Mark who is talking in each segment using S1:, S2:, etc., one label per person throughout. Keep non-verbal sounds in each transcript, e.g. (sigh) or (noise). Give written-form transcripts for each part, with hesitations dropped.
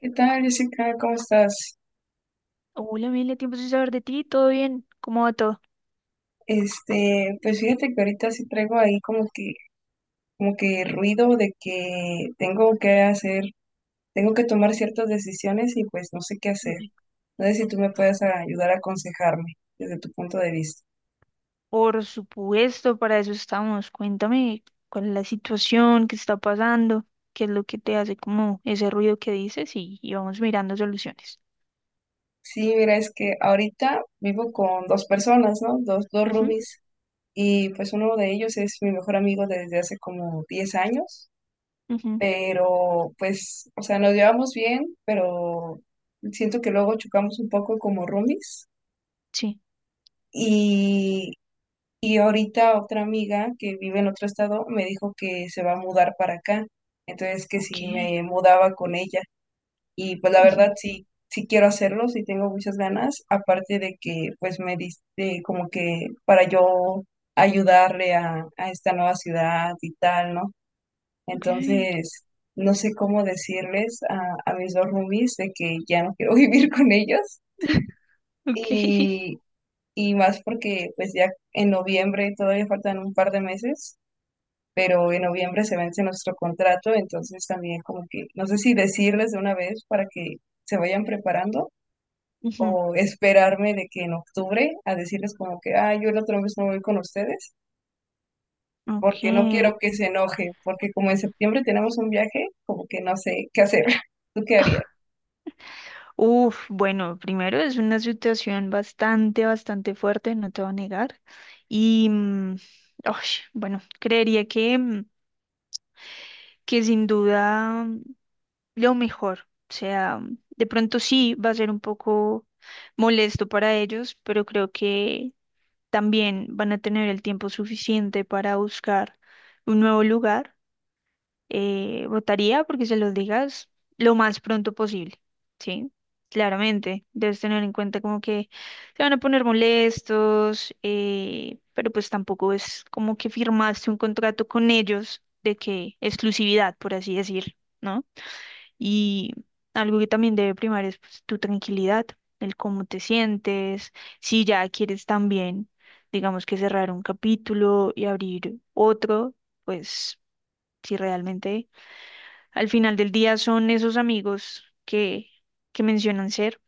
S1: ¿Qué tal, Jessica? ¿Cómo estás?
S2: Hola, Emilia, tiempo sin saber de ti, ¿todo bien? ¿Cómo va todo?
S1: Pues fíjate que ahorita sí traigo ahí como que ruido de que tengo que hacer, tengo que tomar ciertas decisiones y pues no sé qué hacer.
S2: Ujú.
S1: No sé si tú me puedes ayudar a aconsejarme desde tu punto de vista.
S2: Por supuesto, para eso estamos. Cuéntame cuál es la situación, qué está pasando, qué es lo que te hace como ese ruido que dices y vamos mirando soluciones.
S1: Sí, mira, es que ahorita vivo con dos personas, ¿no? Dos
S2: Ujú,
S1: roomies. Y pues uno de ellos es mi mejor amigo desde hace como 10 años.
S2: ujú,
S1: Pero pues, o sea, nos llevamos bien, pero siento que luego chocamos un poco como roomies.
S2: sí,
S1: Y, y ahorita otra amiga que vive en otro estado me dijo que se va a mudar para acá, entonces que
S2: ok,
S1: si me mudaba con ella. Y pues la
S2: ujú,
S1: verdad sí, sí quiero hacerlo, sí tengo muchas ganas, aparte de que pues me diste como que para yo ayudarle a esta nueva ciudad y tal, ¿no?
S2: ok,
S1: Entonces, no sé cómo decirles a mis dos roomies de que ya no quiero (laughs) vivir con ellos.
S2: (laughs) ok,
S1: Y, y más porque pues ya en noviembre todavía faltan un par de meses, pero en noviembre se vence nuestro contrato, entonces también como que no sé si decirles de una vez para que se vayan preparando
S2: ujú,
S1: o esperarme de que en octubre a decirles como que, ah, yo el otro mes no voy con ustedes porque no
S2: ok.
S1: quiero que se enoje, porque como en septiembre tenemos un viaje, como que no sé qué hacer. (laughs) ¿Tú qué harías?
S2: Uf, bueno, primero es una situación bastante fuerte, no te voy a negar. Y, ay, bueno, creería que... que sin duda lo mejor. O sea, de pronto sí va a ser un poco molesto para ellos, pero creo que también van a tener el tiempo suficiente para buscar un nuevo lugar. Votaría porque se los digas lo más pronto posible, ¿sí? Claramente, debes tener en cuenta como que se van a poner molestos, pero pues tampoco es como que firmaste un contrato con ellos de que exclusividad, por así decir, ¿no? Y algo que también debe primar es pues, tu tranquilidad, el cómo te sientes, si ya quieres también, digamos que cerrar un capítulo y abrir otro, pues si realmente al final del día son esos amigos que mencionan ser.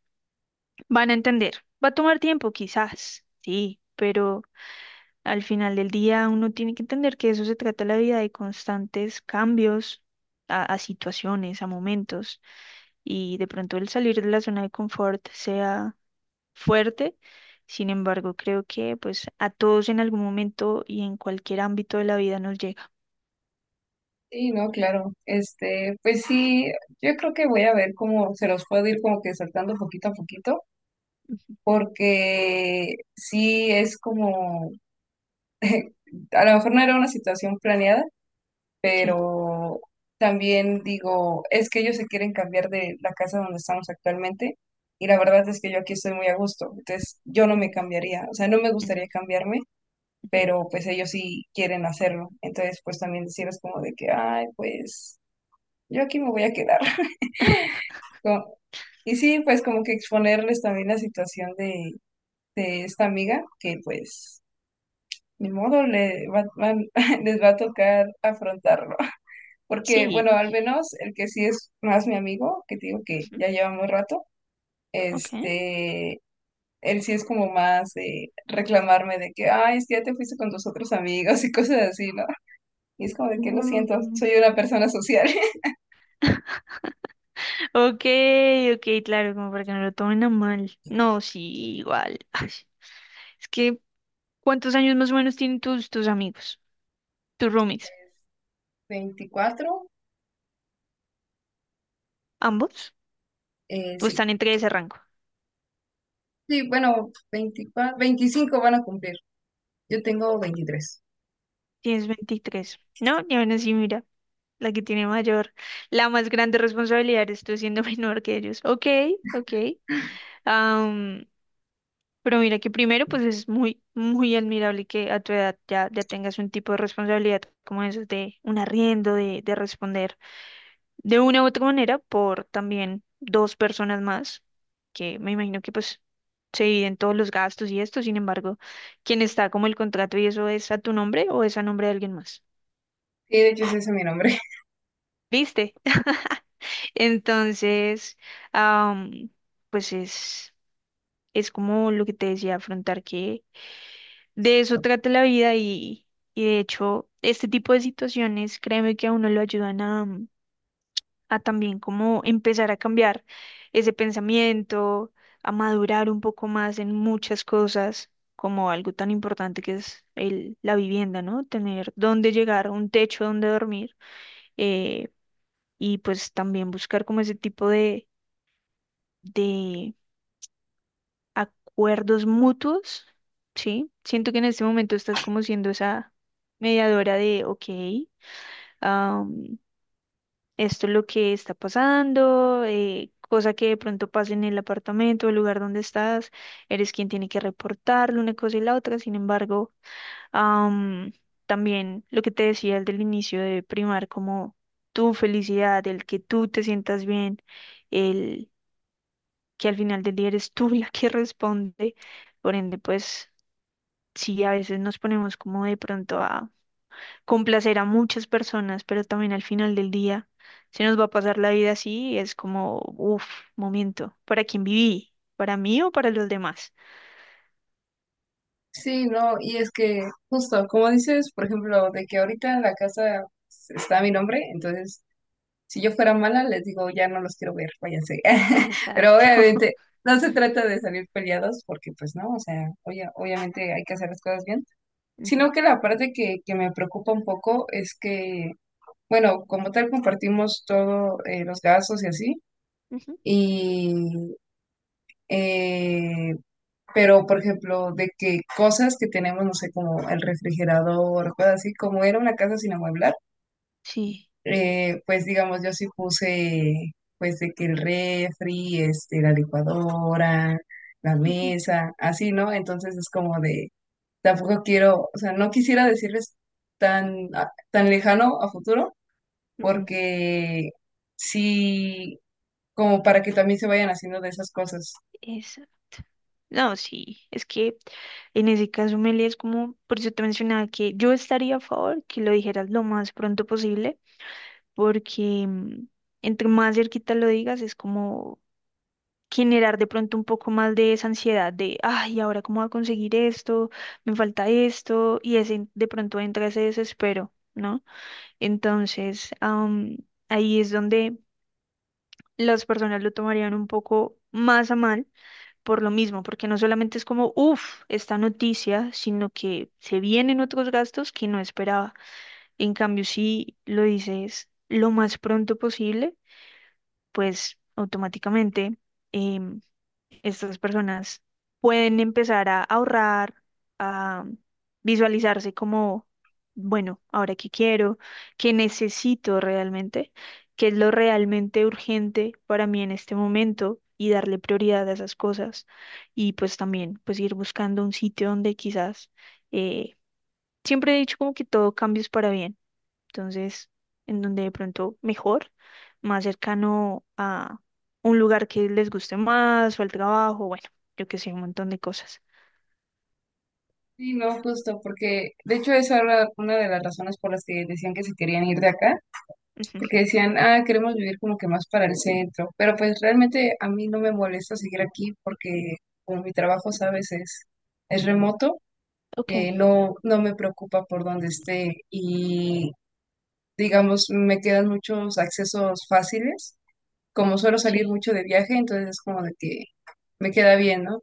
S2: Van a entender. Va a tomar tiempo, quizás, sí, pero al final del día uno tiene que entender que eso se trata la vida de constantes cambios a situaciones, a momentos, y de pronto el salir de la zona de confort sea fuerte. Sin embargo, creo que pues a todos en algún momento y en cualquier ámbito de la vida nos llega.
S1: Sí, no, claro. Pues sí, yo creo que voy a ver cómo se los puedo ir como que saltando poquito a poquito,
S2: Ujú,
S1: porque sí es como, (laughs) a lo mejor no era una situación planeada,
S2: sí.
S1: pero también digo, es que ellos se quieren cambiar de la casa donde estamos actualmente y la verdad es que yo aquí estoy muy a gusto, entonces yo no me
S2: Ujú,
S1: cambiaría, o sea, no me gustaría
S2: ujú,
S1: cambiarme,
S2: ujú.
S1: pero pues ellos sí quieren hacerlo. Entonces, pues también decirles como de que, ay, pues yo aquí me voy a quedar. (laughs)
S2: (laughs)
S1: Como... Y sí, pues como que exponerles también la situación de esta amiga, que pues ni modo le va- van- (laughs) les va a tocar afrontarlo. (laughs) Porque, bueno,
S2: Sí.
S1: al menos el que sí es más mi amigo, que te digo que
S2: Ujú,
S1: ya llevamos rato,
S2: ok.
S1: este... Él sí es como más de reclamarme de que, ay, es que ya te fuiste con tus otros amigos (laughs) y cosas así, ¿no? Y es como de que lo siento,
S2: Mm.
S1: soy una persona social.
S2: (laughs) Ok, ok, claro, como para que no lo tomen a mal.
S1: (laughs)
S2: No, sí, igual. (laughs) Ay, es que, ¿cuántos años más o menos tienen tus, tus amigos, tus roomies?
S1: 24.
S2: ¿Ambos?
S1: Eh,
S2: ¿O
S1: sí.
S2: están entre ese rango?
S1: Sí, bueno, 24, 25 van a cumplir. Yo tengo 23.
S2: Tienes 23, ¿no? Y aún así, mira, la que tiene mayor, la más grande responsabilidad es tú siendo (laughs) menor que ellos. Ok, ok. Pero mira que primero, pues es muy admirable que a tu edad ya tengas un tipo de responsabilidad como eso de un arriendo, de responder de una u otra manera por también dos personas más, que me imagino que pues se dividen todos los gastos y esto, sin embargo, quien está como el contrato y eso es a tu nombre o es a nombre de alguien más.
S1: Sí, de hecho, ese es mi nombre. (laughs)
S2: ¿Viste? (laughs) Entonces, am, pues es como lo que te decía, afrontar que de eso trata la vida y de hecho este tipo de situaciones, créeme que a uno lo ayudan a, a también como empezar a cambiar ese pensamiento, a madurar un poco más en muchas cosas, como algo tan importante que es el, la vivienda, ¿no? Tener dónde llegar, un techo donde dormir. eh, y pues también buscar como ese tipo de acuerdos mutuos, ¿sí? Siento que en este momento estás como siendo esa mediadora de, ok, am, esto es lo que está pasando, cosa que de pronto pase en el apartamento, el lugar donde estás, eres quien tiene que reportarle una cosa y la otra, sin embargo, am, también lo que te decía desde el inicio de primar como tu felicidad, el que tú te sientas bien, el que al final del día eres tú (laughs) la que responde, por ende, pues sí, a veces nos ponemos como de pronto a complacer a muchas personas, pero también al final del día se nos va a pasar la vida así, y es como, uff, momento, ¿para quién viví? ¿Para mí o para los demás?
S1: Sí, no, y es que justo, como dices, por ejemplo, de que ahorita en la casa está mi nombre, entonces, si yo fuera mala, les digo, ya no los quiero ver, váyanse. (laughs) Pero
S2: Exacto. (laughs)
S1: obviamente, no se trata de salir peleados, porque pues no, o sea, obvia- obviamente hay que hacer las cosas bien.
S2: Ujú,
S1: Sino que la parte que me preocupa un poco es que, bueno, como tal compartimos todo, los gastos y así,
S2: ujú,
S1: y, eh, pero por ejemplo, de que cosas que tenemos, no sé, como el refrigerador, cosas así, como era una casa sin amueblar,
S2: sí.
S1: pues digamos, yo sí puse, pues de que el refri, este, la licuadora, la
S2: Ujú,
S1: mesa, así, ¿no? Entonces es como de tampoco quiero, o sea, no quisiera decirles tan, a- tan lejano a futuro,
S2: ujú,
S1: porque sí, como para que también se vayan haciendo de esas cosas.
S2: exacto. No, sí, es que en ese caso, Meli, es como, por eso te mencionaba que yo estaría a favor que lo dijeras lo más pronto posible, porque entre más cerquita lo digas, es como generar de pronto un poco más de esa ansiedad de, ay, ¿ahora cómo voy a conseguir esto? Me falta esto, y ese, de pronto entra ese desespero, ¿no? Entonces, ahí es donde las personas lo tomarían un poco más a mal por lo mismo, porque no solamente es como, uff, esta noticia, sino que se vienen otros gastos que no esperaba. En cambio, si lo dices lo más pronto posible, pues automáticamente... em, estas personas pueden empezar a ahorrar, a visualizarse como, bueno, ahora qué quiero, qué necesito realmente, qué es lo realmente urgente para mí en este momento y darle prioridad a esas cosas y pues también pues ir buscando un sitio donde quizás eh, siempre he dicho como que todo cambio es para bien entonces, en donde de pronto mejor, más cercano a un lugar que les guste más o al trabajo, bueno, yo que sé, un montón de cosas.
S1: Sí, no, justo, porque de hecho eso era una de las razones por las que decían que se querían ir de acá,
S2: Ujú.
S1: porque decían, ah, queremos vivir como que más para el centro, pero pues realmente a mí no me molesta seguir aquí porque como mi trabajo, sabes, es remoto,
S2: Ok,
S1: no, no me preocupa por dónde esté y digamos, me quedan muchos accesos fáciles. Como suelo salir
S2: sí.
S1: mucho de viaje, entonces es como de que me queda bien, ¿no?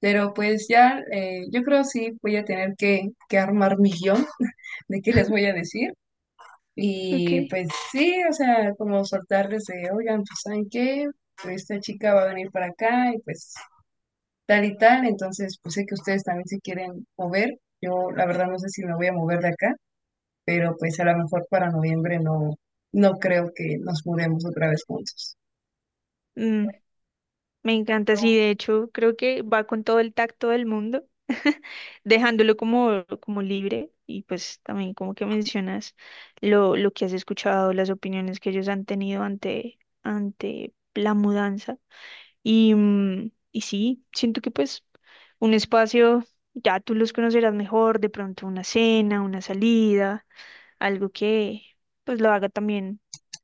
S1: Pero pues ya, yo creo sí voy a tener que armar mi guión (laughs) de qué les voy a decir.
S2: Ok.
S1: Y pues sí, o sea, como soltarles de, oigan, pues ¿saben qué? Pues, esta chica va a venir para acá y pues tal y tal. Entonces, pues sé que ustedes también se quieren mover. Yo la verdad no sé si me voy a mover de acá, pero pues a lo mejor para noviembre no, no creo que nos mudemos otra vez juntos.
S2: Mm, me encanta, sí, de hecho, creo que va con todo el tacto del mundo, (laughs) dejándolo como, como libre y pues también como que mencionas lo que has escuchado, las opiniones que ellos han tenido ante, ante la mudanza. Y, y sí, siento que pues un espacio, ya tú los conocerás mejor, de pronto una cena, una salida, algo que pues lo haga también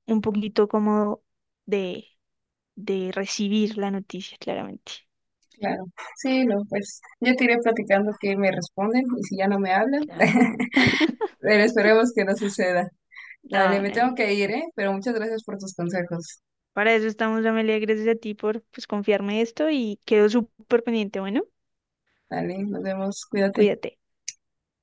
S2: un poquito como de, de recibir la noticia, claramente.
S1: Claro, sí, no, pues yo te iré platicando que me responden y si ya no me hablan,
S2: Claro.
S1: (laughs) pero esperemos que no suceda. Dale,
S2: No,
S1: me
S2: no, no.
S1: tengo que ir, ¿eh? Pero muchas gracias por tus consejos.
S2: Para eso estamos, Amelia, gracias a ti por pues confiarme esto y quedo súper pendiente. Bueno,
S1: Dale, nos vemos, cuídate.
S2: cuídate.